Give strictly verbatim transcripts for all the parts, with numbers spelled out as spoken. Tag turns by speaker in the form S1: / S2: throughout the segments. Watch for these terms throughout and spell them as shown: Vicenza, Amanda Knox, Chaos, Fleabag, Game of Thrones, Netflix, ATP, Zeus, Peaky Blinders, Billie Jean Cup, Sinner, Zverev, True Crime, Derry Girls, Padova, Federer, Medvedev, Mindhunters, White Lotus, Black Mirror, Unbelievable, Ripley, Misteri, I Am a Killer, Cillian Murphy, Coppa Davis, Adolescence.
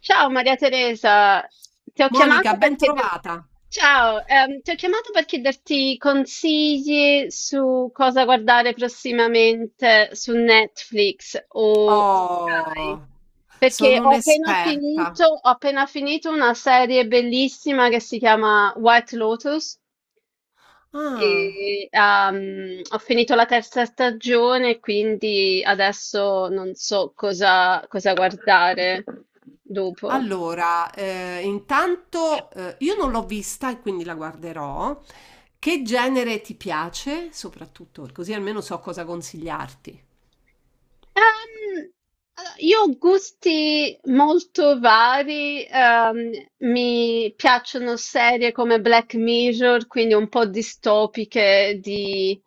S1: Ciao Maria Teresa. Ti ho chiamato
S2: Monica,
S1: per
S2: ben
S1: chieder-
S2: trovata.
S1: Ciao, ehm, ti ho chiamato per chiederti consigli su cosa guardare prossimamente su Netflix o Sky,
S2: Oh,
S1: perché
S2: sono
S1: ho appena
S2: un'esperta.
S1: finito, ho appena finito una serie bellissima che si chiama White Lotus
S2: Ah,
S1: e ehm, ho finito la terza stagione, quindi adesso non so cosa cosa guardare dopo.
S2: allora, eh, intanto eh, io non l'ho vista e quindi la guarderò. Che genere ti piace, soprattutto, così almeno so cosa consigliarti.
S1: Ehm, allora, io ho gusti molto vari. Ehm, mi piacciono serie come Black Mirror, quindi un po' distopiche di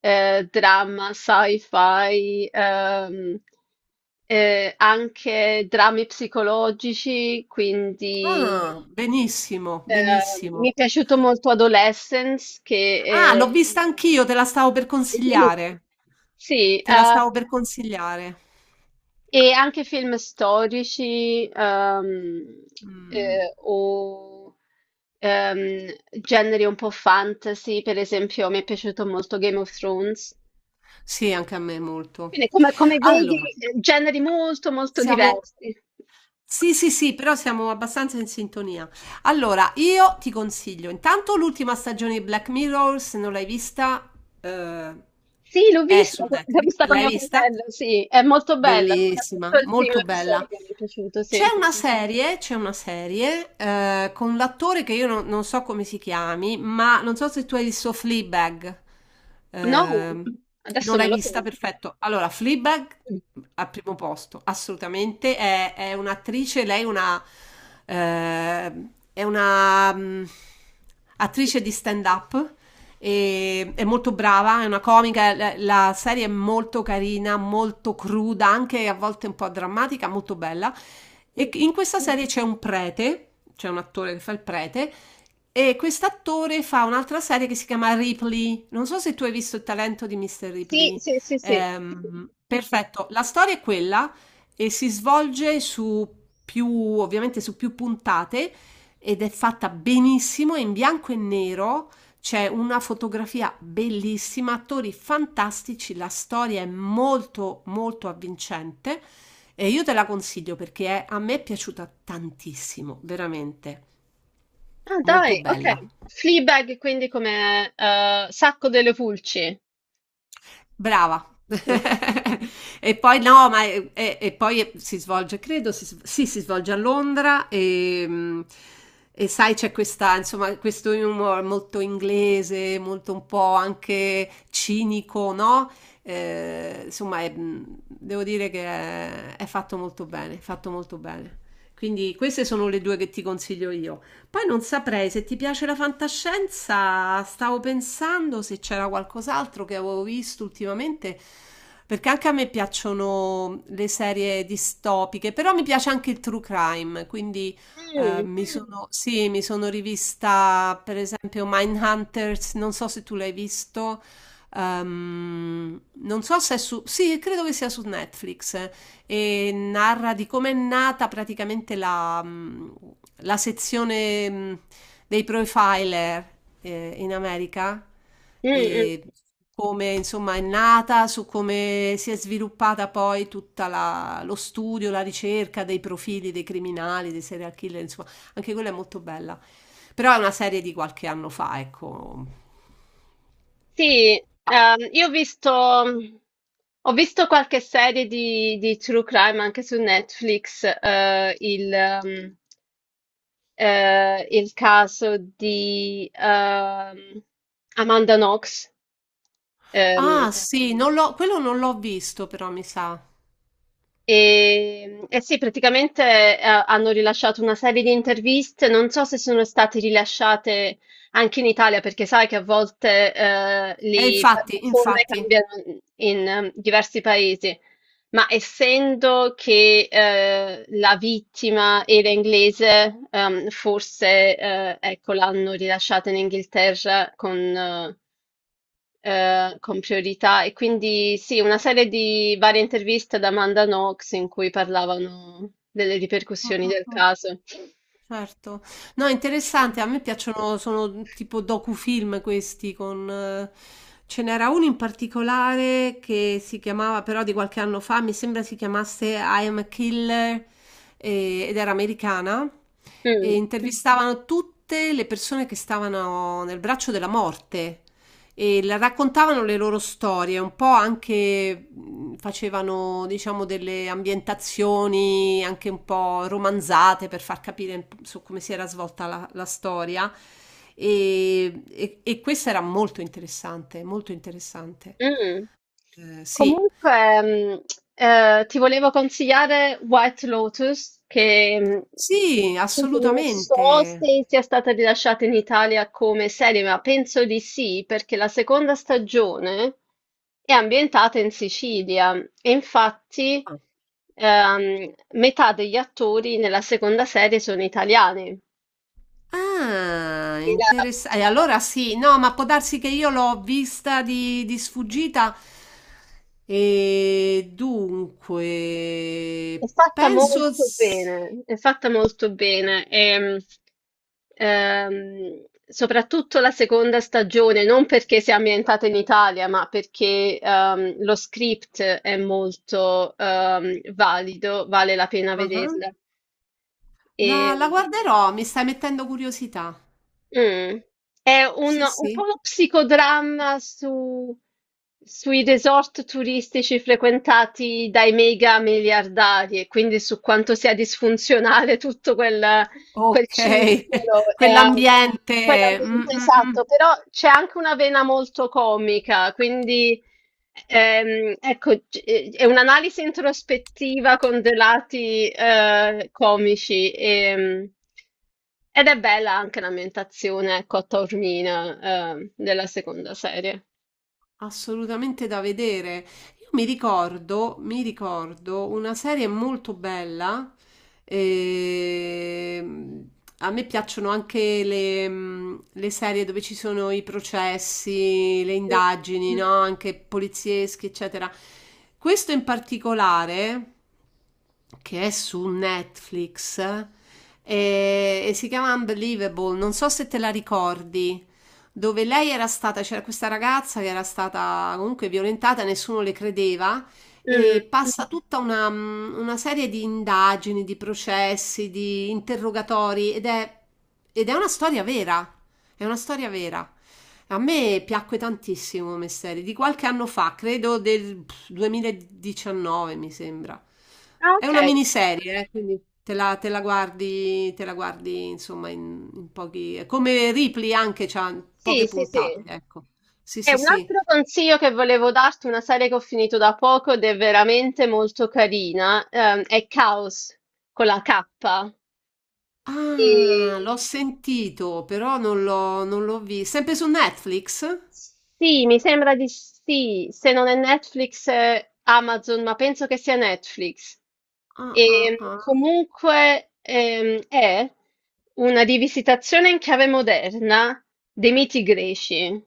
S1: eh, dramma, sci-fi, ehm, eh, anche drammi psicologici. Quindi
S2: Ah, benissimo,
S1: ehm, mi è
S2: benissimo.
S1: piaciuto molto Adolescence, che
S2: Ah, l'ho
S1: è...
S2: vista anch'io, te la stavo per consigliare.
S1: Sì.
S2: Te la stavo
S1: ehm,
S2: per consigliare.
S1: E anche film storici, ehm,
S2: Mm.
S1: eh, o ehm, generi un po' fantasy, per esempio, mi è piaciuto molto Game of Thrones.
S2: Sì, anche a me molto.
S1: Quindi, come, come vedi,
S2: Allora.
S1: eh, generi molto, molto
S2: Siamo
S1: diversi.
S2: sì, sì, sì, però siamo abbastanza in sintonia. Allora, io ti consiglio, intanto l'ultima stagione di Black Mirror, se non l'hai vista, eh,
S1: Sì, l'ho
S2: è
S1: vista,
S2: su
S1: co- l'ho
S2: Netflix.
S1: vista con
S2: L'hai
S1: mio
S2: vista?
S1: fratello, sì, è molto bella,
S2: Bellissima,
S1: soprattutto il primo
S2: molto bella.
S1: episodio mi è piaciuto,
S2: C'è
S1: sì.
S2: una serie, c'è una serie eh, con l'attore che io non, non so come si chiami, ma non so se tu hai visto Fleabag.
S1: No,
S2: Ehm, non
S1: adesso me
S2: l'hai
S1: lo
S2: vista?
S1: sento.
S2: Perfetto. Allora, Fleabag al primo posto, assolutamente. È, è un'attrice, lei è una, eh, è una mm, attrice di stand-up e- è molto brava, è una comica, la, la serie è molto carina, molto cruda, anche a volte un po' drammatica, molto bella. E in questa serie c'è un prete, c'è un attore che fa il prete, e quest'attore fa un'altra serie che si chiama Ripley. Non so se tu hai visto il talento di mister
S1: Sì,
S2: Ripley.
S1: sì, sì, sì.
S2: Ehm, perfetto, la storia è quella e si svolge su più, ovviamente su più puntate ed è fatta benissimo, è in bianco e nero, c'è una fotografia bellissima, attori fantastici, la storia è molto molto avvincente e io te la consiglio perché è- a me è piaciuta tantissimo, veramente
S1: Ah
S2: molto
S1: dai, ok.
S2: bella.
S1: Fleabag quindi come, eh, Sacco delle Pulci.
S2: Brava.
S1: Mm.
S2: E poi no, ma e, e- e poi eh, si svolge, credo, si, s- sì, si svolge a Londra e, mm, e sai c'è questa, insomma, questo humor molto inglese, molto un po' anche cinico, no? Eh, insomma, è, mm, devo dire che è, è fatto molto bene, fatto molto bene. Quindi queste sono le due che ti consiglio io. Poi non saprei se ti piace la fantascienza, stavo pensando se c'era qualcos'altro che avevo visto ultimamente, perché anche a me piacciono le serie distopiche, però mi piace anche il true crime, quindi eh,
S1: Mm,
S2: mi Mm. sono, sì, mi sono rivista per esempio Mindhunters, non so se tu l'hai visto, ehm, non so se è su, sì, credo che sia su Netflix e narra di come è nata praticamente la, mh, la sezione mh, dei profiler eh, in America
S1: mm, mm.
S2: e come insomma è nata, su come si è sviluppata poi tutta la- lo studio, la ricerca dei profili dei criminali, dei serial killer, insomma, anche quella è molto bella. Però è una serie di qualche anno fa, ecco.
S1: Sì, ehm, io ho visto, ho visto qualche serie di, di True Crime anche su Netflix, eh, il, ehm, eh, il caso di ehm, Amanda Knox. Ehm,
S2: Ah, sì, non l'ho- quello non l'ho visto, però mi sa.
S1: E, eh sì, praticamente eh, hanno rilasciato una serie di interviste, non so se sono state rilasciate anche in Italia, perché sai che a volte eh,
S2: E
S1: le
S2: infatti,
S1: piattaforme
S2: infatti,
S1: cambiano in eh, diversi paesi, ma essendo che eh, la vittima era inglese, ehm, forse eh, ecco, l'hanno rilasciata in Inghilterra con, eh, eh, con priorità. E quindi sì, una serie di varie interviste ad Amanda Knox in cui parlavano delle ripercussioni del caso.
S2: certo. No, è interessante, a me piacciono, sono tipo docufilm questi con... eh, ce n'era uno in particolare che si chiamava, però di qualche anno fa, mi sembra si chiamasse I Am a Killer, eh, ed era americana e
S1: Mm.
S2: intervistavano tutte le persone che stavano nel braccio della morte. E la- raccontavano le loro storie, un po' anche mh, facevano, diciamo, delle ambientazioni anche un po' romanzate per far capire un po' su come si era svolta la, la storia. E, e- e questo era molto interessante, molto interessante.
S1: Mm.
S2: Eh, sì,
S1: Comunque, mm, eh, ti volevo consigliare White Lotus, che mm,
S2: sì,
S1: appunto non so
S2: assolutamente.
S1: se sia stata rilasciata in Italia come serie, ma penso di sì, perché la seconda stagione è ambientata in Sicilia e infatti ehm, metà degli attori nella seconda serie sono italiani.
S2: Ah,
S1: Era
S2: interessante. Allora sì, no, ma può darsi che io l'ho vista di, di sfuggita. E dunque,
S1: È fatta
S2: penso
S1: molto
S2: sì.
S1: bene, è fatta molto bene. E, ehm, soprattutto la seconda stagione, non perché sia ambientata in Italia, ma perché ehm, lo script è molto ehm, valido, vale la pena
S2: Ah,
S1: vederla. E,
S2: la, la guarderò, mi stai mettendo curiosità.
S1: Mh. È un
S2: Sì,
S1: un po'
S2: sì.
S1: uno psicodramma su sui resort turistici frequentati dai mega miliardari e quindi su quanto sia disfunzionale tutto quel quel
S2: Ok,
S1: circolo, ehm,
S2: quell'ambiente. Mm,
S1: quell'ambiente
S2: mm,
S1: esatto,
S2: mm.
S1: però c'è anche una vena molto comica. Quindi Ehm, ecco, c- eh, è un'analisi introspettiva con dei lati eh, comici, ehm, ed è bella anche l'ambientazione, ecco, a Taormina, ehm, della seconda serie.
S2: Assolutamente da vedere. Io mi ricordo, mi ricordo una serie molto bella. ehm, a me piacciono anche le, mm, le serie dove ci sono i processi, le
S1: Mm,
S2: indagini, no? Anche polizieschi, eccetera. Questo in particolare, che è su Netflix, eh, e si chiama Unbelievable. Non so se te la ricordi, dove lei era stata, c'era questa ragazza che era stata comunque violentata, nessuno le credeva,
S1: mm.
S2: e passa tutta una, mm, una serie di indagini, di processi, di interrogatori ed è, ed è una storia vera. È una storia vera. A me piacque tantissimo Misteri, di qualche anno fa, credo del pff, duemiladiciannove, mi sembra.
S1: Ah,
S2: È una
S1: ok,
S2: miniserie, eh, quindi te la, te la guardi, te la guardi, insomma, in, in pochi... è come Ripley anche, c'ha
S1: sì,
S2: poche
S1: sì, sì.
S2: puntate, ecco. Sì,
S1: E
S2: sì,
S1: un
S2: sì.
S1: altro consiglio che volevo darti, una serie che ho finito da poco ed è veramente molto carina, ehm, è Chaos con la K. E-
S2: Ah, l'ho sentito, però non l'ho, non l'ho visto. Sempre su Netflix?
S1: Sì, mi sembra di sì, se non è Netflix, è Amazon, ma penso che sia Netflix.
S2: Ah, ah,
S1: E
S2: ah.
S1: comunque ehm, è una rivisitazione in chiave moderna dei miti greci.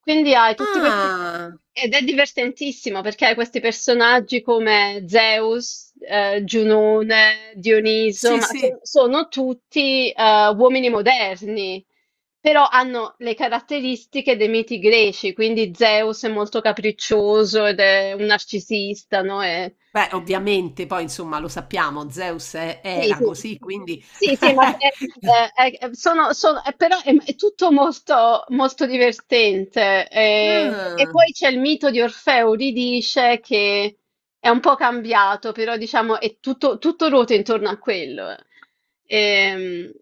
S1: Quindi hai tutti questi...
S2: Ah,
S1: Ed è divertentissimo perché hai questi personaggi come Zeus, eh, Giunone, Dioniso,
S2: sì,
S1: ma
S2: sì.
S1: so- sono tutti eh, uomini moderni. Però hanno le caratteristiche dei miti greci, quindi Zeus è molto capriccioso ed è un narcisista, no? E-
S2: Beh, ovviamente poi insomma lo sappiamo, Zeus è
S1: sì,
S2: era
S1: sì.
S2: così, quindi
S1: Sì, sì, ma se- eh, eh, eh, sono, sono- eh, però è, è tutto molto, molto divertente. Eh, e
S2: Ah,
S1: poi c'è il mito di Orfeo, Euridice, che è un po' cambiato, però diciamo è tutto, tutto ruota intorno a quello. eh. Ehm,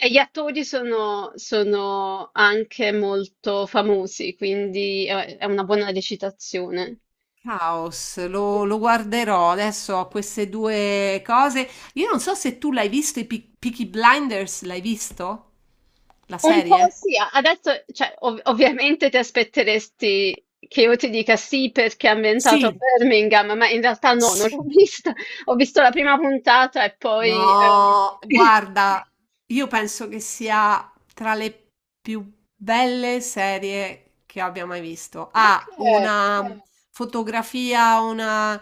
S1: E, gli attori sono, sono anche molto famosi, quindi è è una buona recitazione.
S2: Chaos, lo, lo guarderò. Adesso ho queste due cose. Io non so se tu l'hai visto, i Pe- Peaky Blinders, l'hai visto? La
S1: Un po'
S2: serie?
S1: sì, a- adesso, cioè, ov- ovviamente ti aspetteresti che io ti dica sì perché è ambientato a
S2: Sì,
S1: Birmingham, ma in realtà no, non
S2: sì.
S1: l'ho vista. Ho visto la prima puntata e poi... eh,
S2: No, guarda, io penso che sia tra le più belle serie che abbia mai visto.
S1: Ok.
S2: Ha una fotografia, una...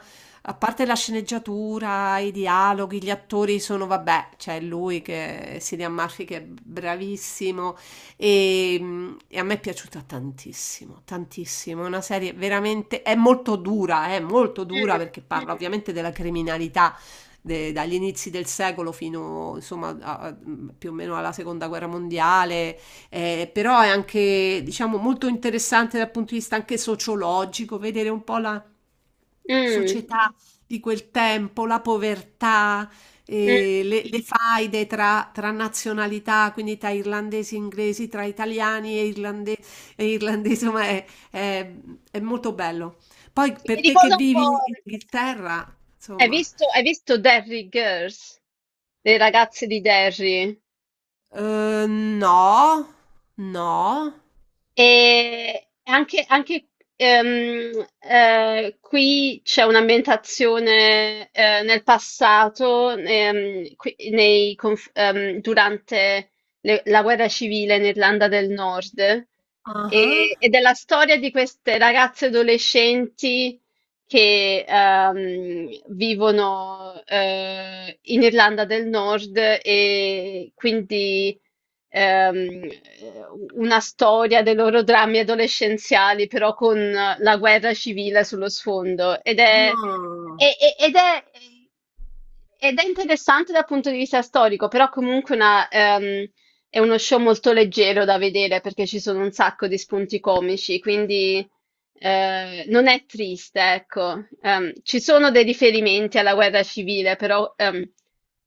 S2: A parte la sceneggiatura, i dialoghi, gli attori sono, vabbè, c'è lui che Cillian Murphy che è bravissimo e, mm, e a me è piaciuta tantissimo, tantissimo. È una serie veramente, è molto dura, è molto dura
S1: Mm,
S2: perché parla ovviamente della criminalità de- dagli inizi del secolo fino insomma a- a- più o meno alla seconda guerra mondiale, eh, però è anche diciamo molto interessante dal punto di vista anche sociologico, vedere un po' la
S1: mm,
S2: società di quel tempo, la povertà,
S1: mm.
S2: eh, le, le faide tra, tra nazionalità, quindi tra irlandesi e inglesi, tra italiani e, irlande- e irlandesi, insomma è, è- è molto bello. Poi
S1: Mi
S2: per te che
S1: ricorda un
S2: vivi in
S1: po'... eh,
S2: Inghilterra,
S1: Hai
S2: insomma.
S1: visto, hai visto Derry Girls? Le ragazze di Derry?
S2: Uhm, no, no.
S1: E anche, anche, ehm, eh, qui c'è un'ambientazione eh, nel passato, ehm, qui- nei conf- ehm, durante le- la guerra civile in Irlanda del Nord,
S2: Ah-ah.
S1: e, ed è la storia di queste ragazze adolescenti che ehm, vivono eh, in Irlanda del Nord e quindi ehm, una storia dei loro drammi adolescenziali, però con la guerra civile sullo sfondo. Ed è,
S2: Ah.
S1: e- e- ed è, ed è interessante dal punto di vista storico, però comunque una, ehm, è uno show molto leggero da vedere perché ci sono un sacco di spunti comici, quindi... Ehm, non è triste, ecco. Ehm, ci sono dei riferimenti alla guerra civile, però ehm,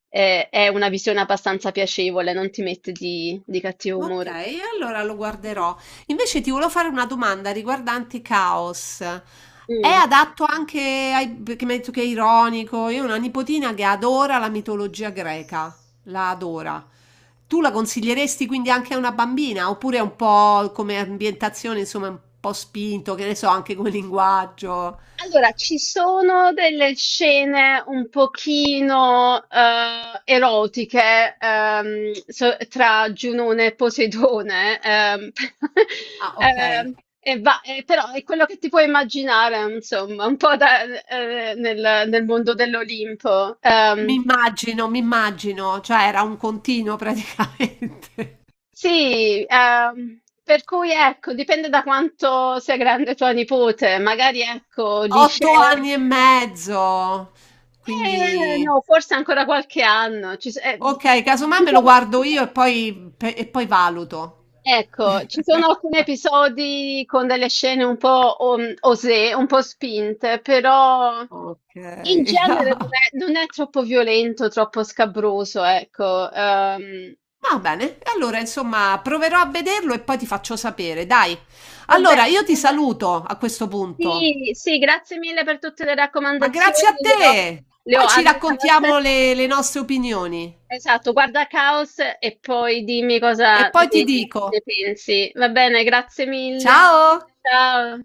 S1: è, è una visione abbastanza piacevole, non ti mette di, di cattivo umore.
S2: Okay, allora lo guarderò. Invece ti volevo fare una domanda riguardante Caos. È
S1: Mm.
S2: adatto anche ai perché mi hai detto che è ironico. Io ho una nipotina che adora la mitologia greca, la adora. Tu la consiglieresti quindi anche a una bambina? Oppure è un po' come ambientazione, insomma, un po' spinto, che ne so, anche come linguaggio?
S1: Allora, ci sono delle scene un pochino eh, erotiche, ehm, so- tra Giunone e Poseidone, ehm,
S2: Ah, ok.
S1: ehm, e va- e però è quello che ti puoi immaginare, insomma, un po' da- eh, nel, nel mondo dell'Olimpo.
S2: Mi
S1: Ehm,
S2: immagino, mi immagino, cioè era un continuo praticamente.
S1: sì, ehm, per cui ecco, dipende da quanto sia grande tua nipote, magari ecco, li
S2: Otto
S1: scegli.
S2: anni e mezzo,
S1: Eh,
S2: quindi
S1: no, forse ancora qualche anno. Ci s eh,
S2: ok, casomai
S1: ci
S2: me lo
S1: sono,
S2: guardo io e poi, pe- e poi valuto.
S1: ecco, ci sono alcuni episodi con delle scene un po' om osé, un po' spinte, però
S2: Ok,
S1: in genere non è non è troppo violento, troppo scabroso, ecco. Ehm,
S2: va bene. E allora, insomma, proverò a vederlo e poi ti faccio sapere, dai.
S1: va
S2: Allora,
S1: bene.
S2: io ti saluto a questo punto,
S1: Sì, sì, grazie mille per tutte le
S2: ma grazie a
S1: raccomandazioni, le ho
S2: te.
S1: le ho
S2: Poi ci
S1: annotate.
S2: raccontiamo le le nostre opinioni
S1: Esatto, guarda Caos e poi dimmi
S2: e
S1: cosa
S2: poi
S1: ne,
S2: ti
S1: ne
S2: dico.
S1: pensi. Va bene, grazie mille.
S2: Ciao!
S1: Ciao.